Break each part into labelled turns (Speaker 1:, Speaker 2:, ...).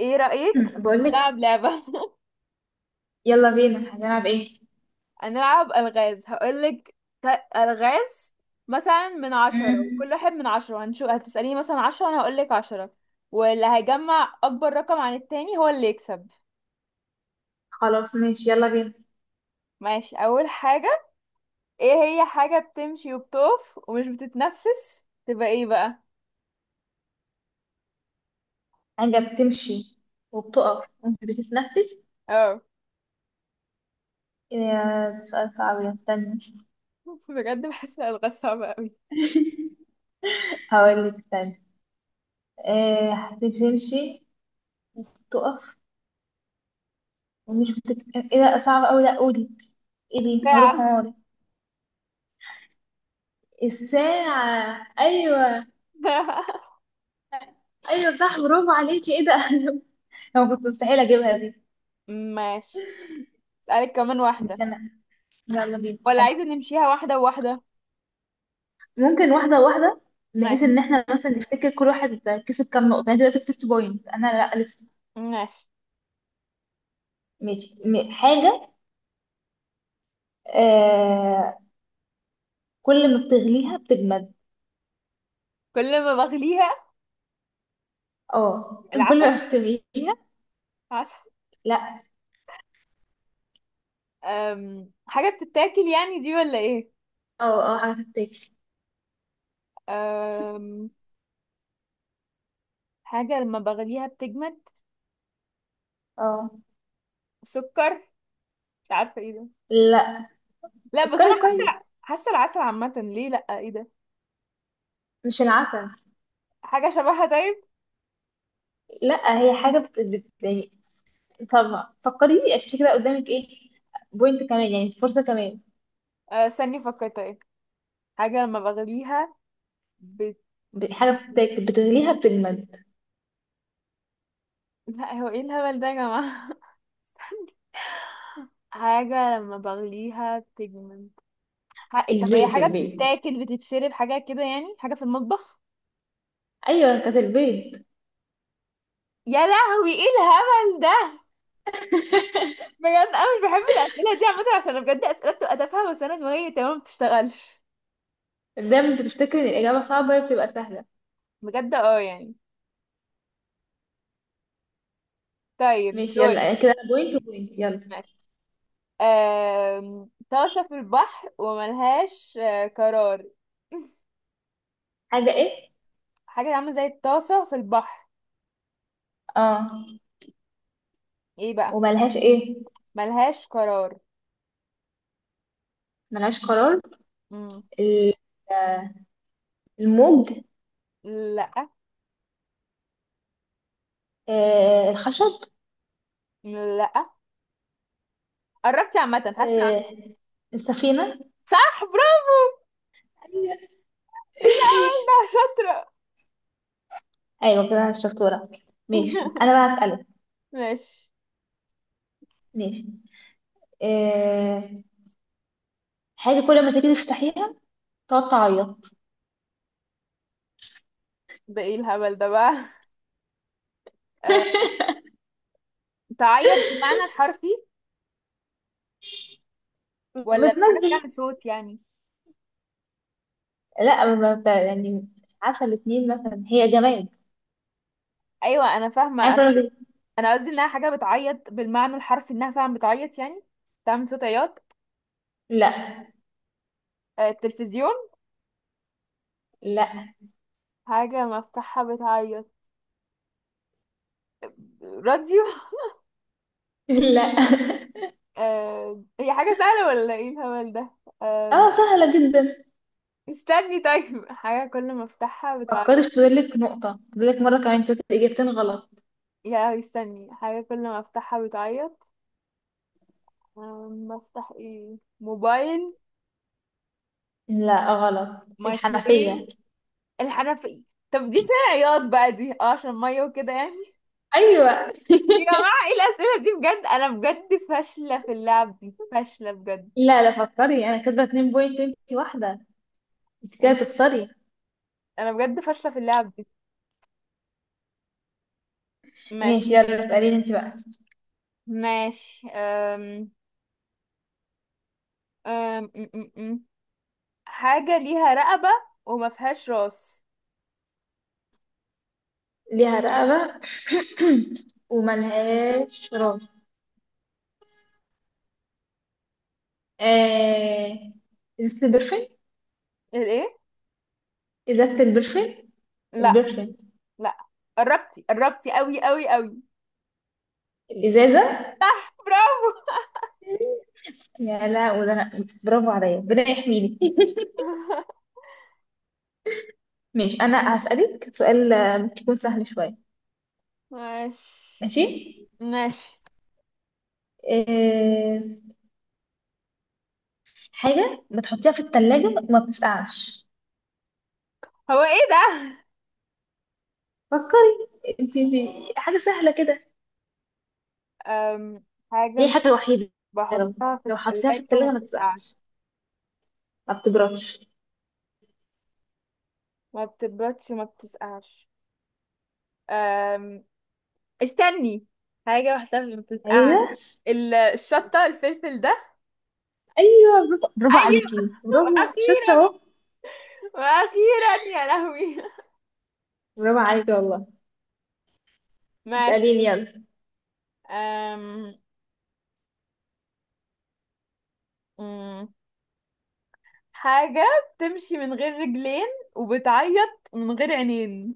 Speaker 1: ايه رأيك
Speaker 2: بقولك.
Speaker 1: نلعب لعبة؟
Speaker 2: يلا بينا، هنلعب ايه؟
Speaker 1: هنلعب ألغاز، هقولك ألغاز. مثلا من عشرة،
Speaker 2: امم
Speaker 1: وكل واحد من عشرة هنشوف، هتسأليني مثلا عشرة أنا هقولك عشرة. واللي هيجمع أكبر رقم عن التاني هو اللي يكسب.
Speaker 2: خلاص ماشي، يلا بينا.
Speaker 1: ماشي. أول حاجة، ايه هي حاجة بتمشي وبتقف ومش بتتنفس تبقى ايه بقى؟
Speaker 2: حاجة بتمشي وبتقف ومش بتتنفس.
Speaker 1: اه.
Speaker 2: إيه، يا سؤال صعب ده، استنى.
Speaker 1: بجد بحس الألغاز صعبة أوي.
Speaker 2: هقولك استنى. آه، بتمشي وبتقف ومش ايه ده صعب اوي، لا قولي. ايه دي؟ هروح
Speaker 1: ساعة.
Speaker 2: عمري. الساعة، ايوه. ايوه صح، برافو عليكي. ايه ده؟ انا كنت مستحيل اجيبها دي.
Speaker 1: ماشي. أسألك كمان واحدة،
Speaker 2: مش انا، يلا بينا.
Speaker 1: ولا عايزة نمشيها واحدة وواحدة؟
Speaker 2: ممكن واحدة واحدة، بحيث
Speaker 1: ماشي.
Speaker 2: ان احنا مثلا نفتكر كل واحد كسب كام نقطة. يعني دلوقتي كسبت بوينت انا؟ لا لسه.
Speaker 1: ماشي.
Speaker 2: ماشي. حاجة. آه. كل ما بتغليها بتجمد.
Speaker 1: كل ما بغليها؟
Speaker 2: اه. كل
Speaker 1: العسل.
Speaker 2: ما بتغليها.
Speaker 1: عسل.
Speaker 2: لا.
Speaker 1: حاجة بتتاكل يعني دي ولا ايه؟
Speaker 2: اه اه، حاجة بتتاكل.
Speaker 1: أم... حاجة لما بغليها بتجمد.
Speaker 2: اه.
Speaker 1: سكر. مش عارفة ايه ده.
Speaker 2: لا،
Speaker 1: لا، بس انا
Speaker 2: فكري
Speaker 1: حاسة
Speaker 2: كويس،
Speaker 1: حاسة العسل عامة ليه؟ لا، ايه ده؟
Speaker 2: مش العسل.
Speaker 1: حاجة شبهها؟ طيب.
Speaker 2: لا، هي حاجة يعني. طب فكري، عشان كده قدامك ايه؟ بوينت كمان، يعني فرصة كمان.
Speaker 1: استني فكرت ايه. حاجة لما بغليها بت...
Speaker 2: حاجة بتتاكل، بتغليها بتجمد.
Speaker 1: لا، هو ايه الهبل ده يا جماعة؟ استني. حاجة لما بغليها بتجمد. حقي؟ طب هي
Speaker 2: البيض
Speaker 1: حاجة
Speaker 2: البيض،
Speaker 1: بتتاكل، بتتشرب، حاجة كده يعني، حاجة في المطبخ.
Speaker 2: ايوه كانت البيض.
Speaker 1: يا لهوي، ايه الهبل ده؟ بجد انا مش بحب الاسئله دي عامه، عشان بجد اسئله بتبقى تافهه، بس انا دماغي تمام ما بتشتغلش.
Speaker 2: دايما بتفتكر ان الاجابه صعبه، هي بتبقى سهله.
Speaker 1: بجد اه يعني. طيب،
Speaker 2: ماشي يلا،
Speaker 1: دوري.
Speaker 2: يعني كده انا بوينت وبوينت، يلا.
Speaker 1: ماشي. طاسه في البحر وملهاش قرار.
Speaker 2: حاجه ايه؟
Speaker 1: حاجه عامله زي الطاسه في البحر.
Speaker 2: اه.
Speaker 1: ايه بقى؟
Speaker 2: وملهاش ايه؟
Speaker 1: ملهاش قرار.
Speaker 2: ملهاش قرار.
Speaker 1: مم.
Speaker 2: ال- آه، الموج.
Speaker 1: لا،
Speaker 2: آه الخشب.
Speaker 1: لا. قربتي عامه، حاسه
Speaker 2: آه
Speaker 1: قربتي.
Speaker 2: السفينه.
Speaker 1: صح، برافو.
Speaker 2: ايوه.
Speaker 1: ايه الهبل ده، شاطره.
Speaker 2: أيوة كده، انا شطوره. ماشي، انا بقى هسألك.
Speaker 1: ماشي.
Speaker 2: ماشي. آه، حاجه كل ما تيجي تفتحيها تقعد تعيط.
Speaker 1: ده ايه الهبل ده بقى؟ آه، تعيط بالمعنى الحرفي ولا بحاجة
Speaker 2: بتنزل.
Speaker 1: بتعمل صوت يعني؟
Speaker 2: لا ما بت- يعني مش عارفه، الاثنين مثلا، هي جماد.
Speaker 1: ايوه انا فاهمة
Speaker 2: حاجه
Speaker 1: انا.
Speaker 2: كل ما تيجي.
Speaker 1: أنا قصدي انها حاجة بتعيط بالمعنى الحرفي، انها فعلا بتعيط يعني، بتعمل صوت عياط.
Speaker 2: لا
Speaker 1: التلفزيون؟
Speaker 2: لا
Speaker 1: حاجة مفتاحها بتعيط؟ راديو؟
Speaker 2: لا.
Speaker 1: هي حاجة سهلة ولا ايه الهبل ده؟ آه،
Speaker 2: اه سهلة جدا.
Speaker 1: استني، طيب حاجة كل ما افتحها
Speaker 2: فكري،
Speaker 1: بتعيط.
Speaker 2: في فاضلك نقطة، فاضلك مرة كمان تقولي إجابتين غلط.
Speaker 1: يا، استني، حاجة كل ما افتحها بتعيط. بفتح ايه؟ موبايل؟
Speaker 2: لا غلط،
Speaker 1: مايكرويف؟
Speaker 2: الحنفية.
Speaker 1: الحنفية. طب دي فيها عياط بقى دي، اه، عشان مية وكده يعني.
Speaker 2: أيوة.
Speaker 1: يا جماعة، ايه الأسئلة دي بجد؟ أنا بجد فاشلة في اللعب دي، فاشلة بجد.
Speaker 2: لا لا، فكري، أنا كده اتنين بوينت وانت واحدة، انت كده
Speaker 1: أنا
Speaker 2: تخسري.
Speaker 1: أنا بجد فاشلة في اللعب دي. ماشي.
Speaker 2: ماشي يلا، اسأليني انت بقى.
Speaker 1: ماشي. أم أم أم أم أم. حاجة ليها رقبة وما فيهاش راس.
Speaker 2: ليها رقبة وملهاش راس. آه... إزازة البرفين.
Speaker 1: الايه؟
Speaker 2: إزازة البرفين.
Speaker 1: لا.
Speaker 2: البرفين.
Speaker 1: لا، قربتي، قربتي قوي قوي قوي.
Speaker 2: الإزازة.
Speaker 1: صح، برافو.
Speaker 2: يا لا، وده برافو عليا، ربنا يحميني. ماشي، انا هسألك سؤال آه، ممكن يكون سهل شوية.
Speaker 1: ماشي.
Speaker 2: ماشي.
Speaker 1: ماشي.
Speaker 2: إيه... حاجة بتحطيها في التلاجة وما بتسقعش.
Speaker 1: هو ايه ده؟
Speaker 2: فكري انت دي، حاجة سهلة كده.
Speaker 1: أم
Speaker 2: هي
Speaker 1: حاجة
Speaker 2: حاجة وحيدة. لو
Speaker 1: بحطها في
Speaker 2: لو حطيتيها في
Speaker 1: التلاجة وما
Speaker 2: التلاجة ما
Speaker 1: بتسقعش.
Speaker 2: بتسقعش، ما بتبردش.
Speaker 1: ما بتبردش وما بتسقعش. أم استني، حاجة واحدة اللي بتسقع.
Speaker 2: ايوه
Speaker 1: الشطة، الفلفل ده.
Speaker 2: ايوه، برافو برافو
Speaker 1: ايوه.
Speaker 2: عليكي، برافو شاطرة
Speaker 1: واخيرا،
Speaker 2: اهو.
Speaker 1: واخيرا يا لهوي.
Speaker 2: برافو عليكي والله.
Speaker 1: ماشي.
Speaker 2: اسأليني يلا.
Speaker 1: أم... أم، حاجة بتمشي من غير رجلين وبتعيط من غير عينين.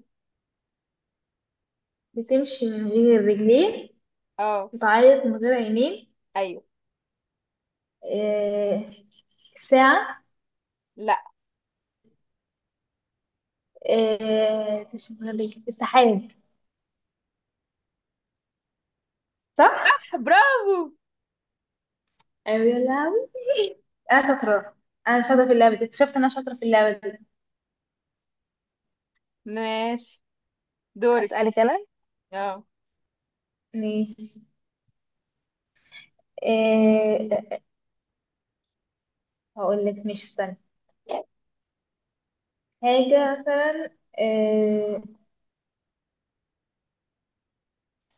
Speaker 2: بتمشي من غير رجلين،
Speaker 1: اه.
Speaker 2: بتعيط من غير عينين.
Speaker 1: ايوه.
Speaker 2: إيه... ساعة.
Speaker 1: لا.
Speaker 2: آه، تشغلي السحاب، صح؟
Speaker 1: برافو.
Speaker 2: أيوة يا لهوي، أنا شاطرة. أنا شاطرة في اللعبة دي، اكتشفت إن أنا شاطرة في اللعبة دي.
Speaker 1: ماشي. دورك.
Speaker 2: أسألك أنا؟
Speaker 1: اه.
Speaker 2: ماشي. آه، هقول لك، مش استنى. حاجة مثلا. آه،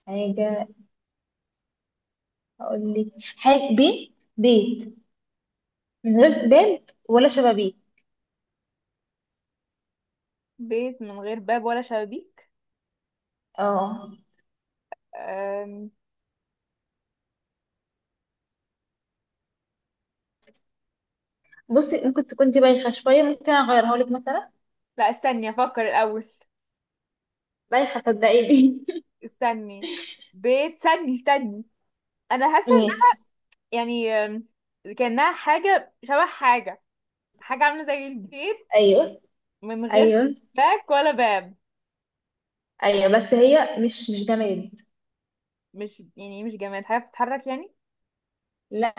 Speaker 2: حاجة. هقول لك حاجة، بيت بيت من غير باب ولا شبابيك.
Speaker 1: بيت من غير باب ولا شبابيك.
Speaker 2: اه.
Speaker 1: أم...
Speaker 2: بصي، ممكن تكون دي بايخة شوية، ممكن أغيرها لك مثلا.
Speaker 1: لا، استني افكر الاول.
Speaker 2: بايخة صدقيني.
Speaker 1: استني. بيت، استني، استني، انا حاسه.
Speaker 2: ماشي.
Speaker 1: يعني كأنها حاجة شبه حاجة، حاجة عاملة زي البيت،
Speaker 2: أيوه.
Speaker 1: من غير
Speaker 2: أيوه.
Speaker 1: شباك ولا باب.
Speaker 2: ايوه بس هي مش جماد.
Speaker 1: مش يعني مش جماد، حاجة بتتحرك يعني؟
Speaker 2: لا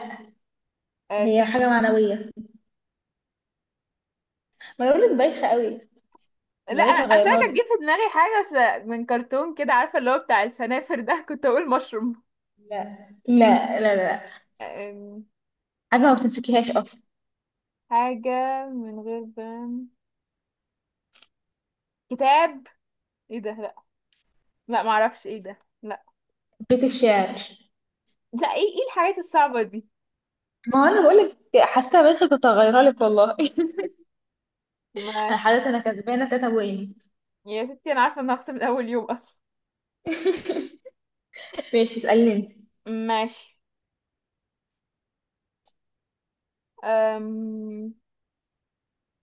Speaker 1: آه
Speaker 2: هي
Speaker 1: سا-
Speaker 2: حاجه معنويه، ما انا بقولك بايخه قوي.
Speaker 1: لا،
Speaker 2: بلاش
Speaker 1: انا اصل انا
Speaker 2: اغيرها
Speaker 1: كانت
Speaker 2: لك.
Speaker 1: جه في دماغي حاجة من كرتون كده، عارفة اللي هو بتاع السنافر ده، كنت اقول مشروم.
Speaker 2: لا لا لا لا.
Speaker 1: آم،
Speaker 2: حاجه ما بتمسكيهاش اصلا.
Speaker 1: حاجة من غير باب. كتاب؟ ايه ده، لا. لا معرفش ايه ده. لا،
Speaker 2: بيت الشعر.
Speaker 1: لا ايه الحاجات الصعبة دي؟
Speaker 2: ما هو انا بقولك، حاسه بايخه، كنت هغيرها لك والله. انا
Speaker 1: ماشي.
Speaker 2: حضرتك انا كسبانه تاتا وين.
Speaker 1: يا ستي، انا عارفة ان هخسر من اول يوم اصلا.
Speaker 2: ماشي اسالني انت.
Speaker 1: ماشي. أم...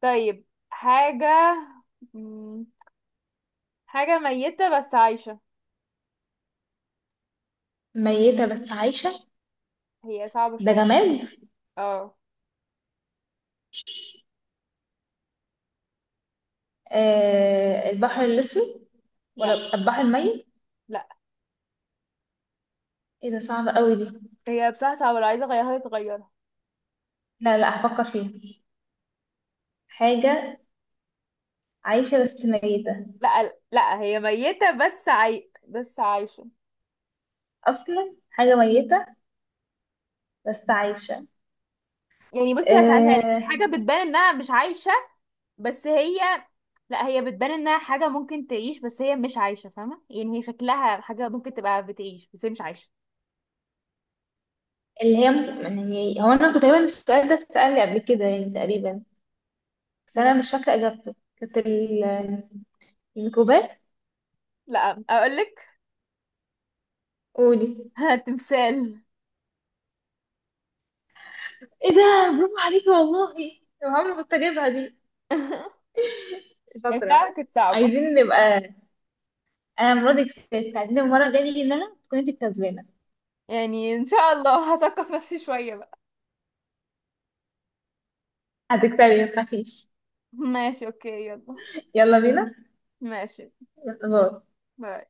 Speaker 1: طيب، حاجة، مم، حاجة ميتة بس عايشة.
Speaker 2: ميته بس عايشه؟
Speaker 1: هي صعبة
Speaker 2: ده
Speaker 1: شوية.
Speaker 2: جماد.
Speaker 1: اه.
Speaker 2: آه البحر الاسود.
Speaker 1: لا.
Speaker 2: ولا البحر الميت.
Speaker 1: لا،
Speaker 2: ايه ده؟ صعب قوي دي.
Speaker 1: هي بصراحة صعبة، لو عايزة اغيرها تغيرها.
Speaker 2: لا لا، هفكر فيها. حاجه عايشه بس ميته.
Speaker 1: لا، لا، هي ميتة بس بس عايشة.
Speaker 2: اصلا حاجه ميته بس عايشة.
Speaker 1: يعني بصي، هسألها لك
Speaker 2: آه،
Speaker 1: حاجة بتبان انها مش عايشة، بس هي، لا هي بتبان انها حاجة ممكن تعيش بس هي مش عايشة، فاهمة يعني، هي شكلها حاجة ممكن تبقى بتعيش بس هي مش عايشة.
Speaker 2: اللي هي، يعني هو أنا كنت تقريبا السؤال ده اتسأل لي قبل كده يعني تقريبا، بس
Speaker 1: مم.
Speaker 2: أنا مش فاكرة إجابته، كانت الميكروبات.
Speaker 1: لا، اقولك.
Speaker 2: قولي.
Speaker 1: تمثال.
Speaker 2: إيه ده؟ برافو عليكي والله. يا عمري كنت أجيبها دي. شاطرة.
Speaker 1: بتاعك كانت صعبة.
Speaker 2: عايزين نبقى، أنا المرة دي كسبت، عايزين المرة الجاية نيجي إن أنا تكون أنت الكسبانة.
Speaker 1: يعني ان شاء الله هثقف نفسي شوية بقى.
Speaker 2: هتكسبي، متخافيش.
Speaker 1: ماشي، اوكي، يلا.
Speaker 2: يلا بينا.
Speaker 1: ماشي.
Speaker 2: باي.
Speaker 1: باي.